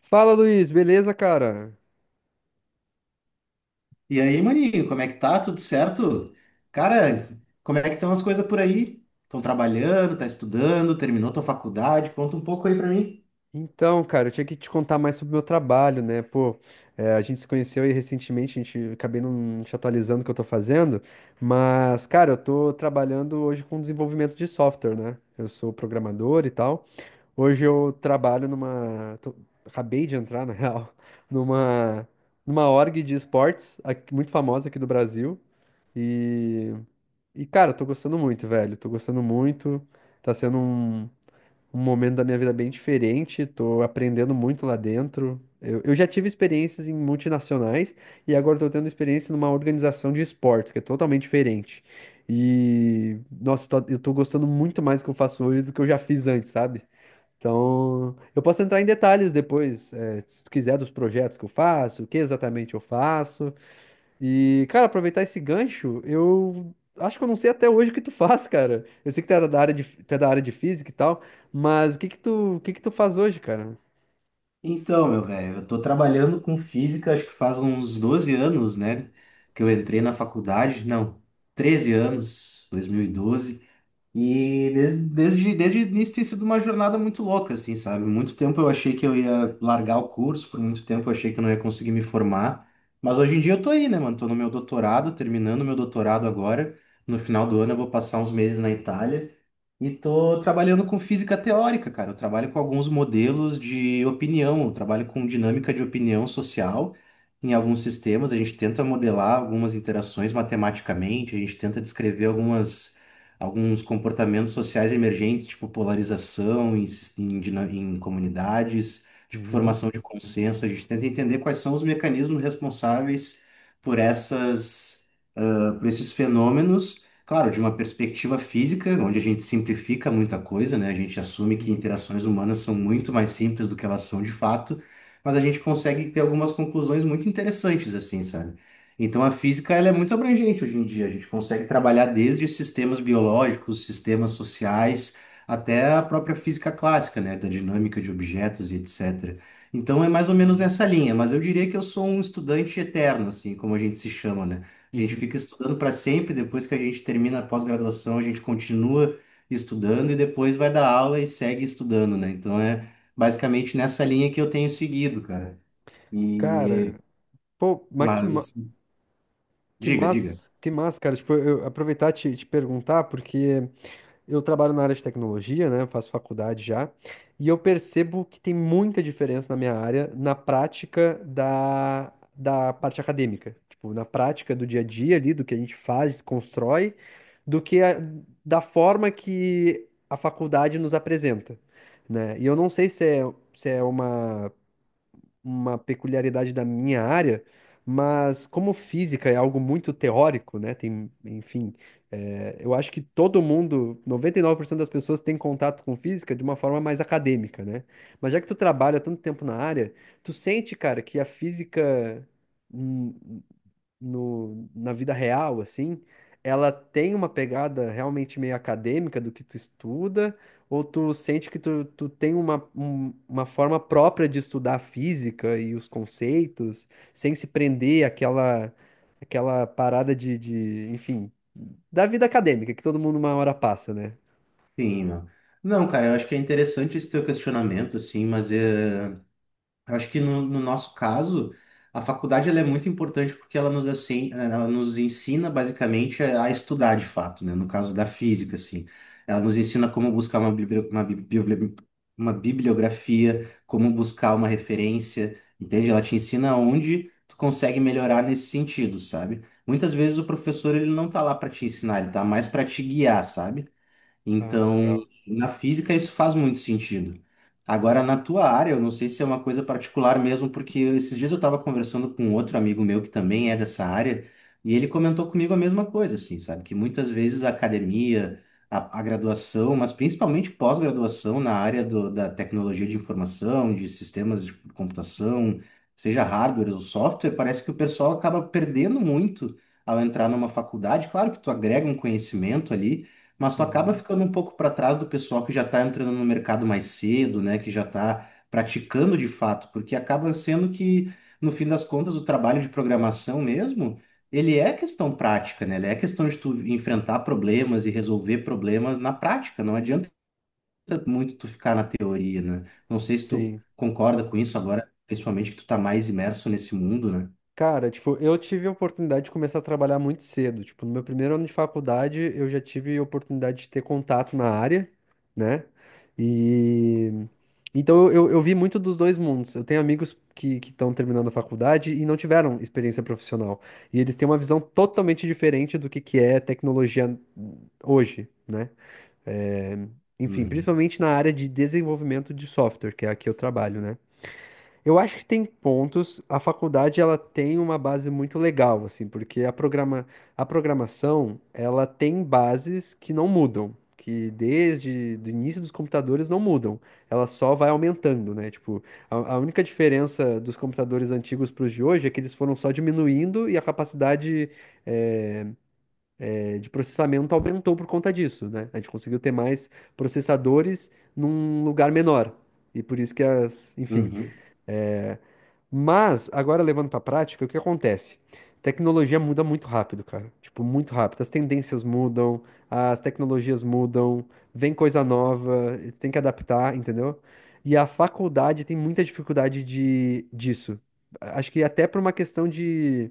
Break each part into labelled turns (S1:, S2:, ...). S1: Fala, Luiz, beleza, cara?
S2: E aí, maninho, como é que tá? Tudo certo? Cara, como é que estão as coisas por aí? Estão trabalhando, tá estudando, terminou tua faculdade? Conta um pouco aí pra mim.
S1: Então, cara, eu tinha que te contar mais sobre o meu trabalho, né? Pô, é, a gente se conheceu aí recentemente, a gente acabei não te atualizando o que eu tô fazendo, mas, cara, eu tô trabalhando hoje com desenvolvimento de software, né? Eu sou programador e tal. Hoje eu trabalho numa. Acabei de entrar, na real, numa, numa org de esportes, muito famosa aqui do Brasil. E, e, cara, eu tô gostando muito, velho. Tô gostando muito. Tá sendo Um momento da minha vida bem diferente, tô aprendendo muito lá dentro. Eu já tive experiências em multinacionais e agora estou tendo experiência numa organização de esportes, que é totalmente diferente. E, nossa, eu tô gostando muito mais do que eu faço hoje do que eu já fiz antes, sabe? Então, eu posso entrar em detalhes depois, se tu quiser, dos projetos que eu faço, o que exatamente eu faço. E, cara, aproveitar esse gancho, eu acho que eu não sei até hoje o que tu faz, cara. Eu sei que tu é da área de física e tal, mas o que que tu faz hoje, cara?
S2: Então, meu velho, eu tô trabalhando com física, acho que faz uns 12 anos, né? Que eu entrei na faculdade, não, 13 anos, 2012. E desde o início tem sido uma jornada muito louca, assim, sabe? Muito tempo eu achei que eu ia largar o curso, por muito tempo eu achei que eu não ia conseguir me formar. Mas hoje em dia eu tô aí, né, mano? Tô no meu doutorado, terminando meu doutorado agora. No final do ano eu vou passar uns meses na Itália. E tô trabalhando com física teórica, cara. Eu trabalho com alguns modelos de opinião, eu trabalho com dinâmica de opinião social em alguns sistemas. A gente tenta modelar algumas interações matematicamente, a gente tenta descrever algumas alguns comportamentos sociais emergentes, tipo polarização em comunidades, tipo
S1: Uhum.
S2: formação de consenso. A gente tenta entender quais são os mecanismos responsáveis por essas para esses fenômenos, claro, de uma perspectiva física, onde a gente simplifica muita coisa, né? A gente assume que
S1: Uhum.
S2: interações humanas são muito mais simples do que elas são de fato, mas a gente consegue ter algumas conclusões muito interessantes, assim, sabe? Então a física ela é muito abrangente hoje em dia. A gente consegue trabalhar desde sistemas biológicos, sistemas sociais, até a própria física clássica, né? Da dinâmica de objetos e etc. Então é mais ou menos
S1: Uhum.
S2: nessa linha, mas eu diria que eu sou um estudante eterno, assim, como a gente se chama, né? A gente
S1: Uhum.
S2: fica estudando para sempre, depois que a gente termina a pós-graduação, a gente continua estudando e depois vai dar aula e segue estudando, né? Então é basicamente nessa linha que eu tenho seguido, cara. E
S1: Cara, pô,
S2: mas diga, diga.
S1: que massa, cara. Tipo, eu aproveitar e te perguntar, porque. Eu trabalho na área de tecnologia, né? Eu faço faculdade já, e eu percebo que tem muita diferença na minha área, na prática da parte acadêmica. Tipo, na prática do dia a dia ali, do que a gente faz, constrói, do que a- da forma que a faculdade nos apresenta, né? E eu não sei se é, uma peculiaridade da minha área, mas como física é algo muito teórico, né? Tem, enfim, eu acho que todo mundo, 99% das pessoas tem contato com física de uma forma mais acadêmica, né? Mas já que tu trabalha tanto tempo na área, tu sente, cara, que a física. hum, no, na vida real, assim, ela tem uma pegada realmente meio acadêmica do que tu estuda, ou tu sente que tu tem uma forma própria de estudar a física e os conceitos, sem se prender àquela parada de, enfim, da vida acadêmica, que todo mundo uma hora passa, né?
S2: Sim, meu. Não, cara, eu acho que é interessante esse teu questionamento, assim, mas é. Eu acho que no nosso caso, a faculdade ela é muito importante porque ela nos, assim, ela nos ensina basicamente a estudar de fato, né? No caso da física, assim. Ela nos ensina como buscar uma bibliografia, como buscar uma referência, entende? Ela te ensina onde tu consegue melhorar nesse sentido, sabe? Muitas vezes o professor ele não tá lá para te ensinar, ele tá mais para te guiar, sabe?
S1: Ah,
S2: Então,
S1: legal.
S2: na física isso faz muito sentido. Agora, na tua área, eu não sei se é uma coisa particular mesmo, porque esses dias eu estava conversando com outro amigo meu que também é dessa área, e ele comentou comigo a mesma coisa, assim, sabe? Que muitas vezes a academia, a graduação, mas principalmente pós-graduação na área da tecnologia de informação, de sistemas de computação, seja hardware ou software, parece que o pessoal acaba perdendo muito ao entrar numa faculdade. Claro que tu agrega um conhecimento ali, mas tu acaba
S1: Uhum.
S2: ficando um pouco para trás do pessoal que já está entrando no mercado mais cedo, né? Que já está praticando de fato, porque acaba sendo que, no fim das contas, o trabalho de programação mesmo, ele é questão prática, né? Ele é questão de tu enfrentar problemas e resolver problemas na prática. Não adianta muito tu ficar na teoria, né? Não sei se tu
S1: Sim.
S2: concorda com isso agora, principalmente que tu tá mais imerso nesse mundo, né?
S1: Cara, tipo, eu tive a oportunidade de começar a trabalhar muito cedo. Tipo, no meu primeiro ano de faculdade, eu já tive a oportunidade de ter contato na área, né? E então eu vi muito dos dois mundos. Eu tenho amigos que estão terminando a faculdade e não tiveram experiência profissional. E eles têm uma visão totalmente diferente do que é tecnologia hoje, né? É, enfim,
S2: Uhum.
S1: principalmente na área de desenvolvimento de software, que é a que eu trabalho, né? Eu acho que tem pontos. A faculdade ela tem uma base muito legal, assim, porque a programação ela tem bases que não mudam, que desde o início dos computadores não mudam. Ela só vai aumentando, né? Tipo, a única diferença dos computadores antigos para os de hoje é que eles foram só diminuindo e a capacidade eh, de processamento aumentou por conta disso, né? A gente conseguiu ter mais processadores num lugar menor. E por isso que as, enfim.
S2: Uhum.
S1: Mas, agora levando pra prática, o que acontece? Tecnologia muda muito rápido, cara. Tipo, muito rápido. As tendências mudam, as tecnologias mudam, vem coisa nova, tem que adaptar, entendeu? E a faculdade tem muita dificuldade disso. Acho que até por uma questão de.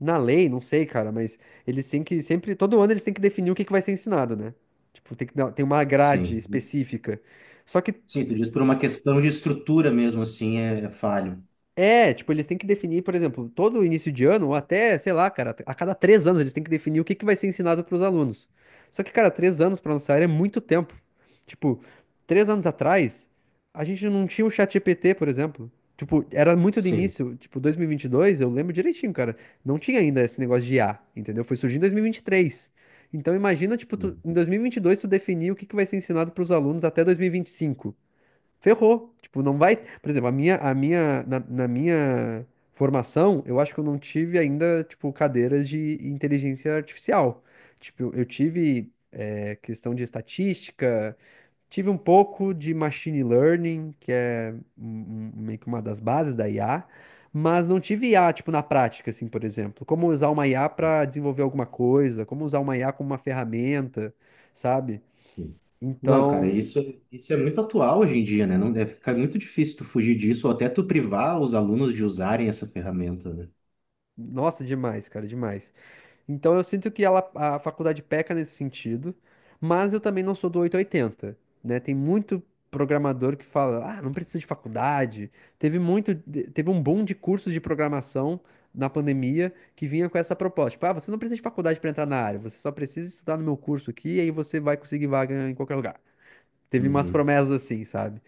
S1: Na lei, não sei, cara, mas eles têm que sempre. Todo ano eles têm que definir o que que vai ser ensinado, né? Tipo, tem uma grade
S2: Sim.
S1: específica. Só que.
S2: Sim, tu diz por uma questão de estrutura mesmo, assim, é falho.
S1: É, tipo, eles têm que definir, por exemplo, todo início de ano, ou até, sei lá, cara, a cada 3 anos eles têm que definir o que que vai ser ensinado para os alunos. Só que, cara, 3 anos para nossa área é muito tempo. Tipo, três anos atrás, a gente não tinha o ChatGPT, por exemplo. Tipo, era muito do
S2: Sim.
S1: início, tipo, 2022, eu lembro direitinho, cara, não tinha ainda esse negócio de IA, entendeu? Foi surgir em 2023. Então, imagina, tipo, tu,
S2: Uhum.
S1: em 2022 tu definir o que que vai ser ensinado para os alunos até 2025. Ferrou. Tipo, não vai. Por exemplo, na minha formação, eu acho que eu não tive ainda, tipo, cadeiras de inteligência artificial. Tipo, eu tive, questão de estatística, tive um pouco de machine learning, que é meio que uma das bases da IA, mas não tive IA, tipo, na prática, assim, por exemplo. Como usar uma IA para desenvolver alguma coisa, como usar uma IA como uma ferramenta, sabe?
S2: Não, cara,
S1: Então,
S2: isso é muito atual hoje em dia, né? Não deve ficar muito difícil tu fugir disso ou até tu privar os alunos de usarem essa ferramenta, né?
S1: nossa, demais, cara, demais. Então eu sinto que ela, a faculdade peca nesse sentido, mas eu também não sou do oito ou oitenta, né? Tem muito programador que fala, ah, não precisa de faculdade. Teve um boom de cursos de programação na pandemia que vinha com essa proposta, tipo, ah, você não precisa de faculdade para entrar na área, você só precisa estudar no meu curso aqui e aí você vai conseguir vaga em qualquer lugar. Teve umas
S2: Uhum,
S1: promessas assim, sabe?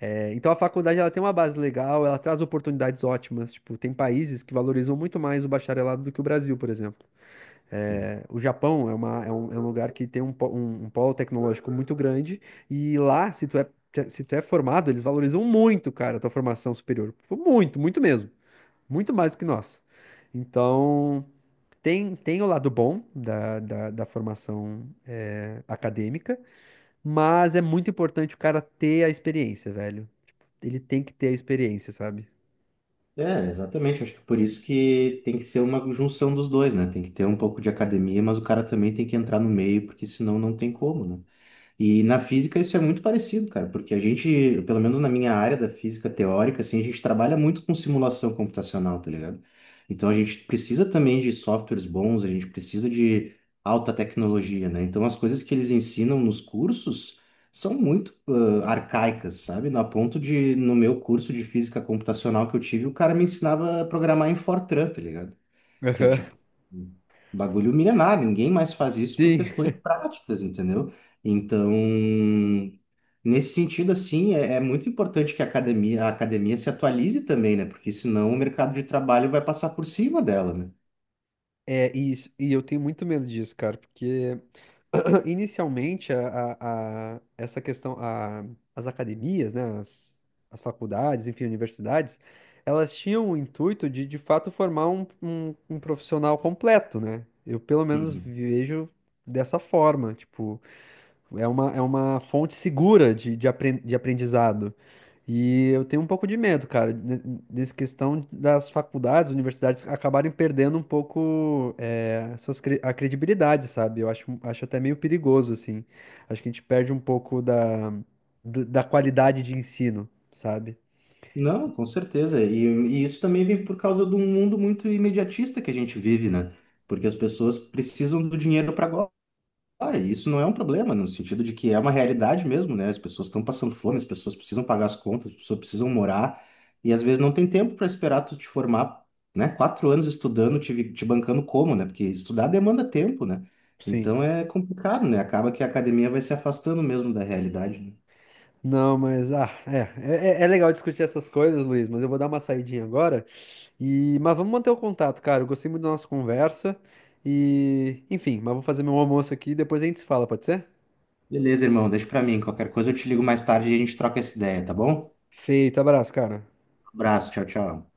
S1: É, então a faculdade ela tem uma base legal, ela traz oportunidades ótimas, tipo, tem países que valorizam muito mais o bacharelado do que o Brasil, por exemplo.
S2: sim.
S1: É, o Japão é um lugar que tem um polo tecnológico muito grande, e lá, se tu é, formado, eles valorizam muito, cara, a tua formação superior. Muito, muito mesmo. Muito mais do que nós. Então, tem o lado bom da formação acadêmica, mas é muito importante o cara ter a experiência, velho. Tipo, ele tem que ter a experiência, sabe?
S2: É, exatamente. Acho que por isso que tem que ser uma junção dos dois, né? Tem que ter um pouco de academia, mas o cara também tem que entrar no meio, porque senão não tem como, né? E na física isso é muito parecido, cara, porque a gente, pelo menos na minha área da física teórica, assim, a gente trabalha muito com simulação computacional, tá ligado? Então a gente precisa também de softwares bons, a gente precisa de alta tecnologia, né? Então as coisas que eles ensinam nos cursos são muito arcaicas, sabe? Na ponto de, no meu curso de física computacional que eu tive, o cara me ensinava a programar em Fortran, tá ligado? Que é
S1: Aham.
S2: tipo um bagulho milenar, ninguém mais faz isso por
S1: Sim.
S2: questões práticas, entendeu? Então, nesse sentido, assim, é, muito importante que a academia se atualize também, né? Porque senão o mercado de trabalho vai passar por cima dela, né?
S1: É, e eu tenho muito medo disso, cara, porque. Inicialmente, essa questão, as academias, né, as faculdades, enfim, universidades, elas tinham o intuito de fato, formar um profissional completo, né? Eu, pelo menos,
S2: Uhum.
S1: vejo dessa forma, tipo, é uma fonte segura de aprendizado. E eu tenho um pouco de medo, cara, dessa questão das faculdades, universidades acabarem perdendo um pouco a credibilidade, sabe? Eu acho até meio perigoso, assim. Acho que a gente perde um pouco da qualidade de ensino, sabe?
S2: Não, com certeza. E isso também vem por causa de um mundo muito imediatista que a gente vive, né? Porque as pessoas precisam do dinheiro para agora. Cara, isso não é um problema, no sentido de que é uma realidade mesmo, né? As pessoas estão passando fome, as pessoas precisam pagar as contas, as pessoas precisam morar, e às vezes não tem tempo para esperar tu te formar, né? 4 anos estudando, te bancando como, né? Porque estudar demanda tempo, né?
S1: Sim.
S2: Então é complicado, né? Acaba que a academia vai se afastando mesmo da realidade, né?
S1: Não, mas ah, é legal discutir essas coisas, Luiz, mas eu vou dar uma saidinha agora e mas vamos manter o contato, cara. Eu gostei muito da nossa conversa e enfim, mas vou fazer meu almoço aqui e depois a gente se fala, pode ser?
S2: Beleza, irmão, deixa pra mim. Qualquer coisa eu te ligo mais tarde e a gente troca essa ideia, tá bom?
S1: Feito, abraço, cara.
S2: Abraço, tchau, tchau.